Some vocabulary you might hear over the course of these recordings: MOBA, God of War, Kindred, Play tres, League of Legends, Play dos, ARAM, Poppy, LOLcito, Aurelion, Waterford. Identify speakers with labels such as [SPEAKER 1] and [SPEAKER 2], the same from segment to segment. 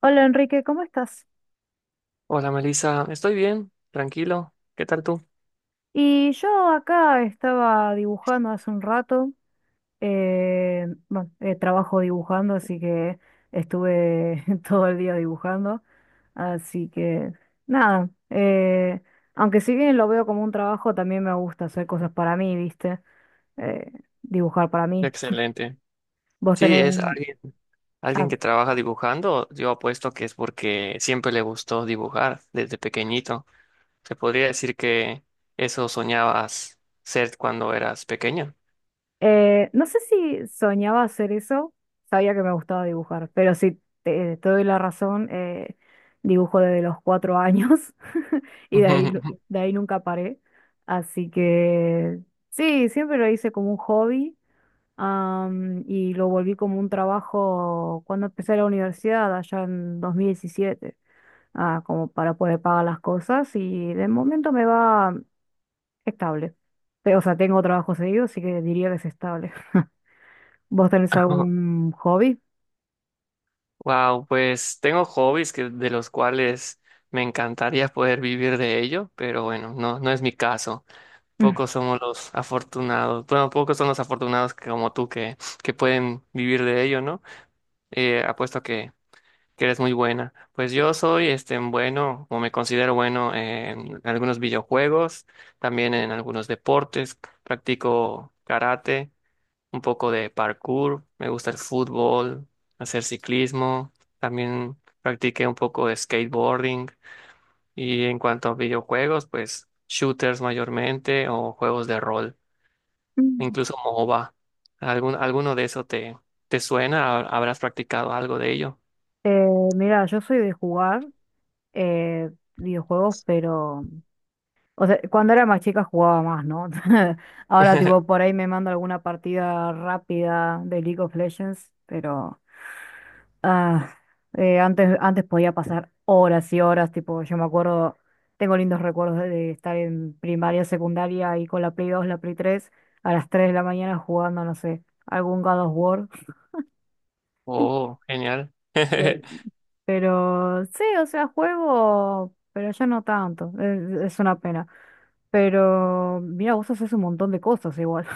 [SPEAKER 1] Hola Enrique, ¿cómo estás?
[SPEAKER 2] Hola Melissa, estoy bien, tranquilo. ¿Qué tal tú?
[SPEAKER 1] Y yo acá estaba dibujando hace un rato. Bueno, Trabajo dibujando, así que estuve todo el día dibujando. Así que nada, aunque si bien lo veo como un trabajo, también me gusta hacer cosas para mí, ¿viste? Eh, Dibujar para mí.
[SPEAKER 2] Excelente.
[SPEAKER 1] ¿Vos
[SPEAKER 2] Sí,
[SPEAKER 1] tenés...
[SPEAKER 2] es alguien,
[SPEAKER 1] ah,
[SPEAKER 2] alguien que trabaja dibujando. Yo apuesto que es porque siempre le gustó dibujar desde pequeñito. Se podría decir que eso soñabas ser cuando eras pequeño.
[SPEAKER 1] No sé si soñaba hacer eso, sabía que me gustaba dibujar, pero si te doy la razón, dibujo desde los cuatro años y de ahí, de ahí nunca paré. Así que sí, siempre lo hice como un hobby, y lo volví como un trabajo cuando empecé la universidad, allá en 2017, como para poder pagar las cosas y de momento me va estable. Pero, o sea, tengo trabajo seguido, así que diría que es estable. ¿Vos tenés algún hobby?
[SPEAKER 2] Wow, pues tengo hobbies que, de los cuales me encantaría poder vivir de ello, pero bueno, no es mi caso. Pocos somos los afortunados, bueno, pocos son los afortunados como tú que pueden vivir de ello, ¿no? Apuesto que eres muy buena. Pues yo soy este, bueno, o me considero bueno en algunos videojuegos, también en algunos deportes, practico karate, un poco de parkour, me gusta el fútbol, hacer ciclismo, también practiqué un poco de skateboarding. Y en cuanto a videojuegos, pues shooters mayormente o juegos de rol incluso MOBA. Alguno de eso te suena? ¿Habrás practicado algo de ello?
[SPEAKER 1] Eh, Mira, yo soy de jugar videojuegos, pero, o sea, cuando era más chica jugaba más, ¿no? Ahora, tipo, por ahí me mando alguna partida rápida de League of Legends, pero ah, antes podía pasar horas y horas, tipo, yo me acuerdo, tengo lindos recuerdos de estar en primaria, secundaria y con la Play dos la Play tres a las 3 de la mañana jugando, no sé, algún God of War.
[SPEAKER 2] Oh, genial.
[SPEAKER 1] Pero sí, o sea, juego, pero ya no tanto. Es una pena. Pero mira, vos haces un montón de cosas igual.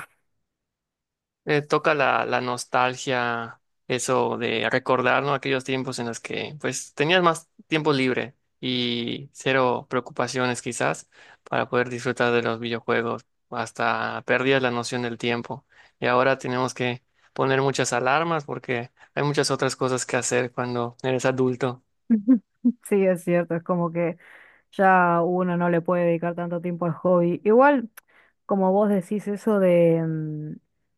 [SPEAKER 2] Toca la nostalgia, eso de recordar, ¿no? Aquellos tiempos en los que pues tenías más tiempo libre y cero preocupaciones quizás para poder disfrutar de los videojuegos. Hasta perdías la noción del tiempo. Y ahora tenemos que poner muchas alarmas porque hay muchas otras cosas que hacer cuando eres adulto.
[SPEAKER 1] Sí, es cierto, es como que ya uno no le puede dedicar tanto tiempo al hobby. Igual. Como vos decís eso de,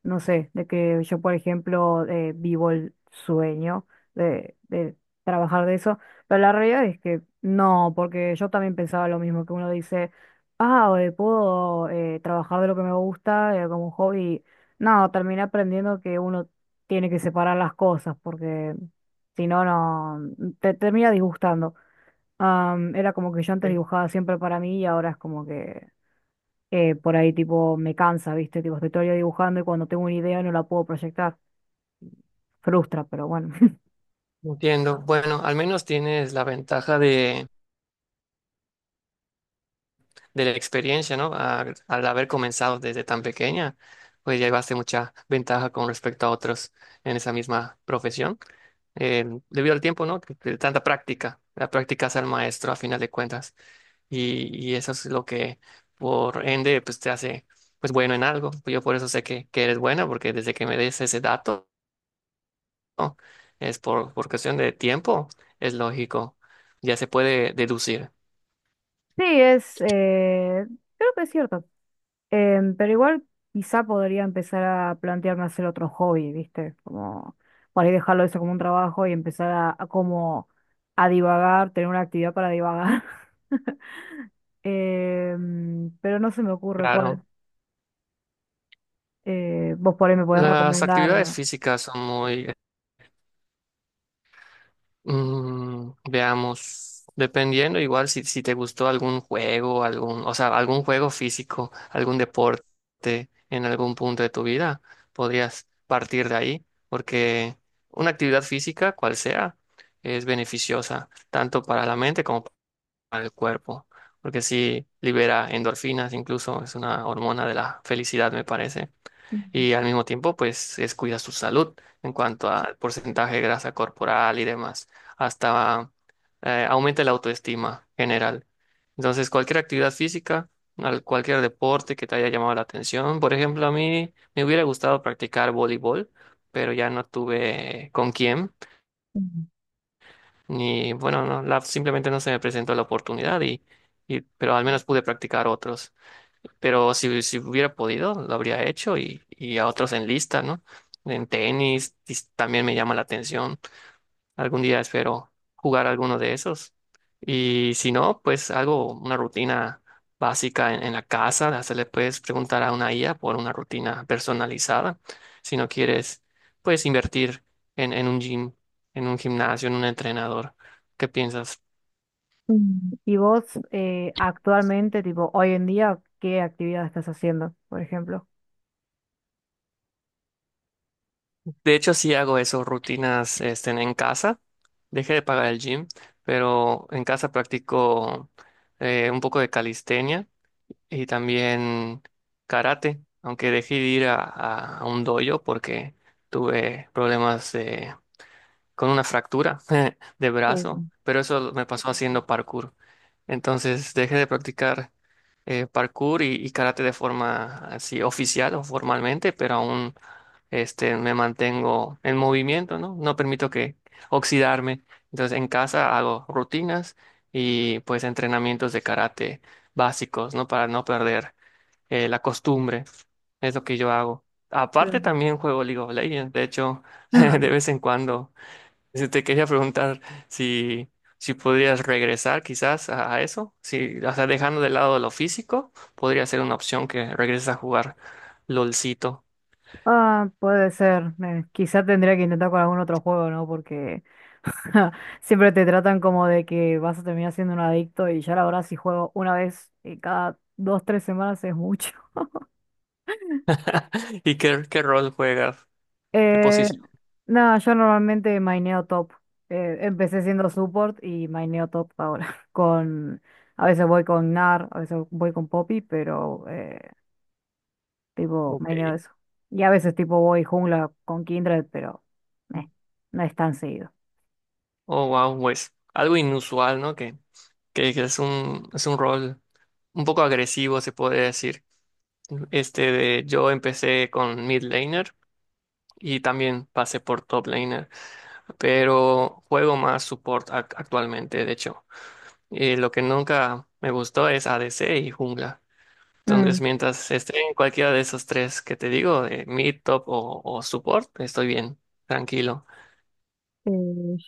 [SPEAKER 1] no sé, de que yo, por ejemplo, vivo el sueño de trabajar de eso, pero la realidad es que no, porque yo también pensaba lo mismo, que uno dice, ah, puedo trabajar de lo que me gusta como un hobby. No, terminé aprendiendo que uno tiene que separar las cosas, porque si no, no, te termina disgustando. Era como que yo antes dibujaba siempre para mí y ahora es como que por ahí tipo me cansa, ¿viste? Tipo, estoy todo el día dibujando y cuando tengo una idea no la puedo proyectar. Frustra, pero bueno.
[SPEAKER 2] Entiendo. Bueno, al menos tienes la ventaja de la experiencia, ¿no? Al haber comenzado desde tan pequeña, pues ya llevaste mucha ventaja con respecto a otros en esa misma profesión, debido al tiempo, ¿no? De tanta práctica. La práctica hace al maestro a final de cuentas. Y eso es lo que, por ende, pues te hace, pues bueno en algo. Yo por eso sé que eres buena, porque desde que me des ese dato, ¿no? Es por cuestión de tiempo, es lógico. Ya se puede deducir.
[SPEAKER 1] Sí, creo que es cierto. Pero igual quizá podría empezar a plantearme hacer otro hobby, ¿viste? Como por ahí dejarlo eso como un trabajo y empezar a como a divagar, tener una actividad para divagar. Pero no se me ocurre
[SPEAKER 2] Claro,
[SPEAKER 1] cuál. Vos por ahí me podés
[SPEAKER 2] las actividades
[SPEAKER 1] recomendar.
[SPEAKER 2] físicas son muy, veamos, dependiendo igual si te gustó algún juego, algún, o sea, algún juego físico, algún deporte en algún punto de tu vida, podrías partir de ahí, porque una actividad física, cual sea, es beneficiosa tanto para la mente como para el cuerpo, porque sí libera endorfinas, incluso es una hormona de la felicidad, me parece. Y al mismo tiempo pues es cuida su salud en cuanto al porcentaje de grasa corporal y demás, hasta aumenta la autoestima general. Entonces cualquier actividad física, cualquier deporte que te haya llamado la atención, por ejemplo, a mí me hubiera gustado practicar voleibol, pero ya no tuve con quién,
[SPEAKER 1] Mm.
[SPEAKER 2] ni bueno, no, simplemente no se me presentó la oportunidad y pero al menos pude practicar otros, pero si hubiera podido, lo habría hecho y a otros en lista, ¿no? En tenis, también me llama la atención. Algún día espero jugar alguno de esos. Y si no, pues algo, una rutina básica en la casa, hasta le puedes preguntar a una IA por una rutina personalizada. Si no quieres, puedes invertir en un gym, en un gimnasio, en un entrenador. ¿Qué piensas?
[SPEAKER 1] Mm. Y vos actualmente, tipo, hoy en día, ¿qué actividad estás haciendo, por ejemplo?
[SPEAKER 2] De hecho, sí hago eso, rutinas este, en casa. Dejé de pagar el gym, pero en casa practico un poco de calistenia y también karate, aunque dejé de ir a un dojo porque tuve problemas con una fractura de
[SPEAKER 1] Uh,
[SPEAKER 2] brazo, pero eso me pasó haciendo parkour. Entonces dejé de practicar parkour y karate de forma así oficial o formalmente, pero aún este, me mantengo en movimiento, ¿no? No permito que oxidarme. Entonces, en casa hago rutinas y pues entrenamientos de karate básicos, ¿no? Para no perder la costumbre. Es lo que yo hago. Aparte,
[SPEAKER 1] plan.
[SPEAKER 2] también juego League of Legends. De hecho, de vez en cuando si te quería preguntar si, si podrías regresar quizás a eso, si, o sea, dejando de lado lo físico, podría ser una opción que regreses a jugar LOLcito.
[SPEAKER 1] Ah, puede ser. Quizá tendría que intentar con algún otro juego, ¿no? Porque siempre te tratan como de que vas a terminar siendo un adicto y ya la verdad si juego una vez cada dos, tres semanas es mucho.
[SPEAKER 2] ¿Y qué rol juegas? ¿Qué
[SPEAKER 1] Eh,
[SPEAKER 2] posición?
[SPEAKER 1] no, yo normalmente maineo top. Empecé siendo support y maineo top ahora. Con, a veces voy con nar a veces voy con Poppy, pero tipo
[SPEAKER 2] Ok.
[SPEAKER 1] maineo eso. Y a veces tipo voy jungla con Kindred, pero meh, no es tan seguido.
[SPEAKER 2] Oh, wow, pues algo inusual, ¿no? Que es es un rol un poco agresivo, se podría decir. Este de, yo empecé con mid laner y también pasé por top laner. Pero juego más support actualmente, de hecho. Y lo que nunca me gustó es ADC y jungla. Entonces, mientras esté en cualquiera de esos tres que te digo, mid, top o support, estoy bien, tranquilo.
[SPEAKER 1] Eh,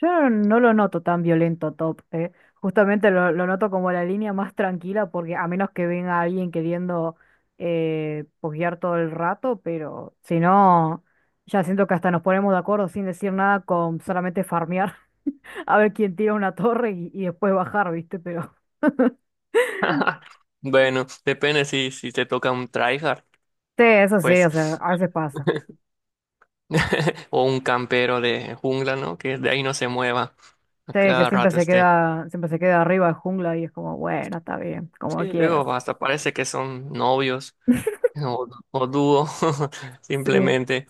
[SPEAKER 1] yo no lo noto tan violento Top, eh. Justamente lo noto como la línea más tranquila, porque a menos que venga alguien queriendo posguear todo el rato, pero si no, ya siento que hasta nos ponemos de acuerdo sin decir nada con solamente farmear, a ver quién tira una torre y después bajar, ¿viste? Pero
[SPEAKER 2] Bueno, depende si te toca un tryhard,
[SPEAKER 1] sí, eso sí,
[SPEAKER 2] pues,
[SPEAKER 1] o sea, a veces pasa.
[SPEAKER 2] o un campero de jungla, ¿no? Que de ahí no se mueva, a
[SPEAKER 1] Sí, que
[SPEAKER 2] cada rato esté.
[SPEAKER 1] siempre se queda arriba de jungla y es como, bueno, está bien,
[SPEAKER 2] Sí,
[SPEAKER 1] como quieras.
[SPEAKER 2] luego hasta parece que son novios o, o dúo,
[SPEAKER 1] Sí.
[SPEAKER 2] simplemente.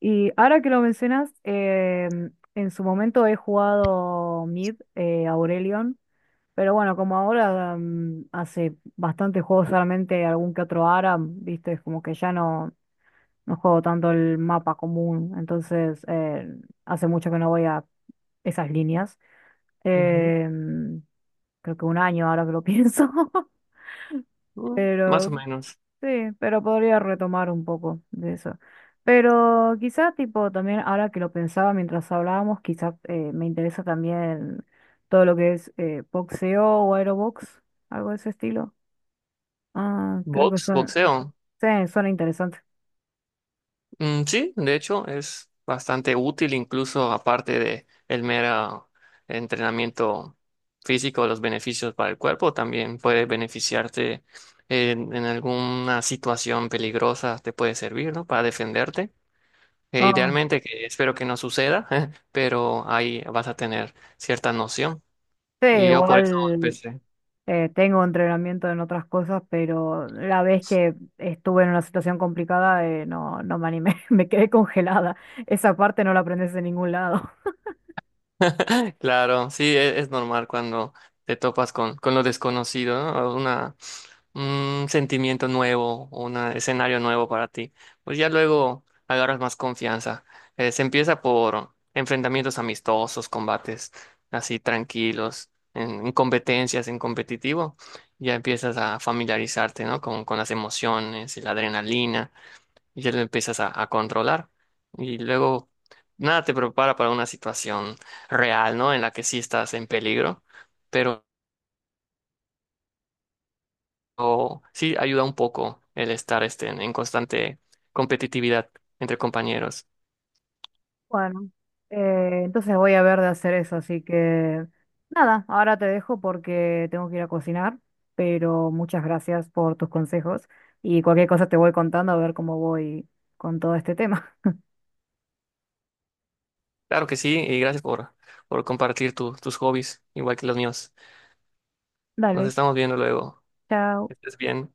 [SPEAKER 1] Y ahora que lo mencionas, en su momento he jugado Mid, Aurelion, pero bueno, como ahora hace bastantes juegos solamente algún que otro ARAM, viste, es como que no juego tanto el mapa común, entonces hace mucho que no voy a esas líneas. Em, Creo que un año ahora que lo pienso,
[SPEAKER 2] Mm, más
[SPEAKER 1] pero
[SPEAKER 2] o menos.
[SPEAKER 1] sí, pero podría retomar un poco de eso. Pero quizá tipo también, ahora que lo pensaba mientras hablábamos, quizá me interesa también todo lo que es boxeo o aerobox, algo de ese estilo. Ah, creo que
[SPEAKER 2] Box,
[SPEAKER 1] suena,
[SPEAKER 2] boxeo.
[SPEAKER 1] sí, suena interesante.
[SPEAKER 2] Mm, sí, de hecho es bastante útil, incluso aparte de el mero entrenamiento físico, los beneficios para el cuerpo, también puede beneficiarte en alguna situación peligrosa, te puede servir, ¿no? Para defenderte. E
[SPEAKER 1] Ah,
[SPEAKER 2] idealmente, que espero que no suceda, pero ahí vas a tener cierta noción.
[SPEAKER 1] sí,
[SPEAKER 2] Y yo por eso
[SPEAKER 1] igual
[SPEAKER 2] empecé.
[SPEAKER 1] tengo entrenamiento en otras cosas, pero la vez que estuve en una situación complicada no, no me animé, me quedé congelada. Esa parte no la aprendes en ningún lado.
[SPEAKER 2] Claro, sí, es normal cuando te topas con lo desconocido, ¿no? Una, un sentimiento nuevo, un escenario nuevo para ti. Pues ya luego agarras más confianza. Se empieza por enfrentamientos amistosos, combates así tranquilos, en competencias, en competitivo. Ya empiezas a familiarizarte, ¿no? Con las emociones y la adrenalina y ya lo empiezas a controlar. Y luego nada te prepara para una situación real, ¿no? En la que sí estás en peligro, pero sí ayuda un poco el estar este, en constante competitividad entre compañeros.
[SPEAKER 1] Bueno, entonces voy a ver de hacer eso, así que nada, ahora te dejo porque tengo que ir a cocinar, pero muchas gracias por tus consejos y cualquier cosa te voy contando a ver cómo voy con todo este tema.
[SPEAKER 2] Claro que sí, y gracias por compartir tus hobbies, igual que los míos. Nos
[SPEAKER 1] Dale,
[SPEAKER 2] estamos viendo luego.
[SPEAKER 1] chao.
[SPEAKER 2] Que estés bien.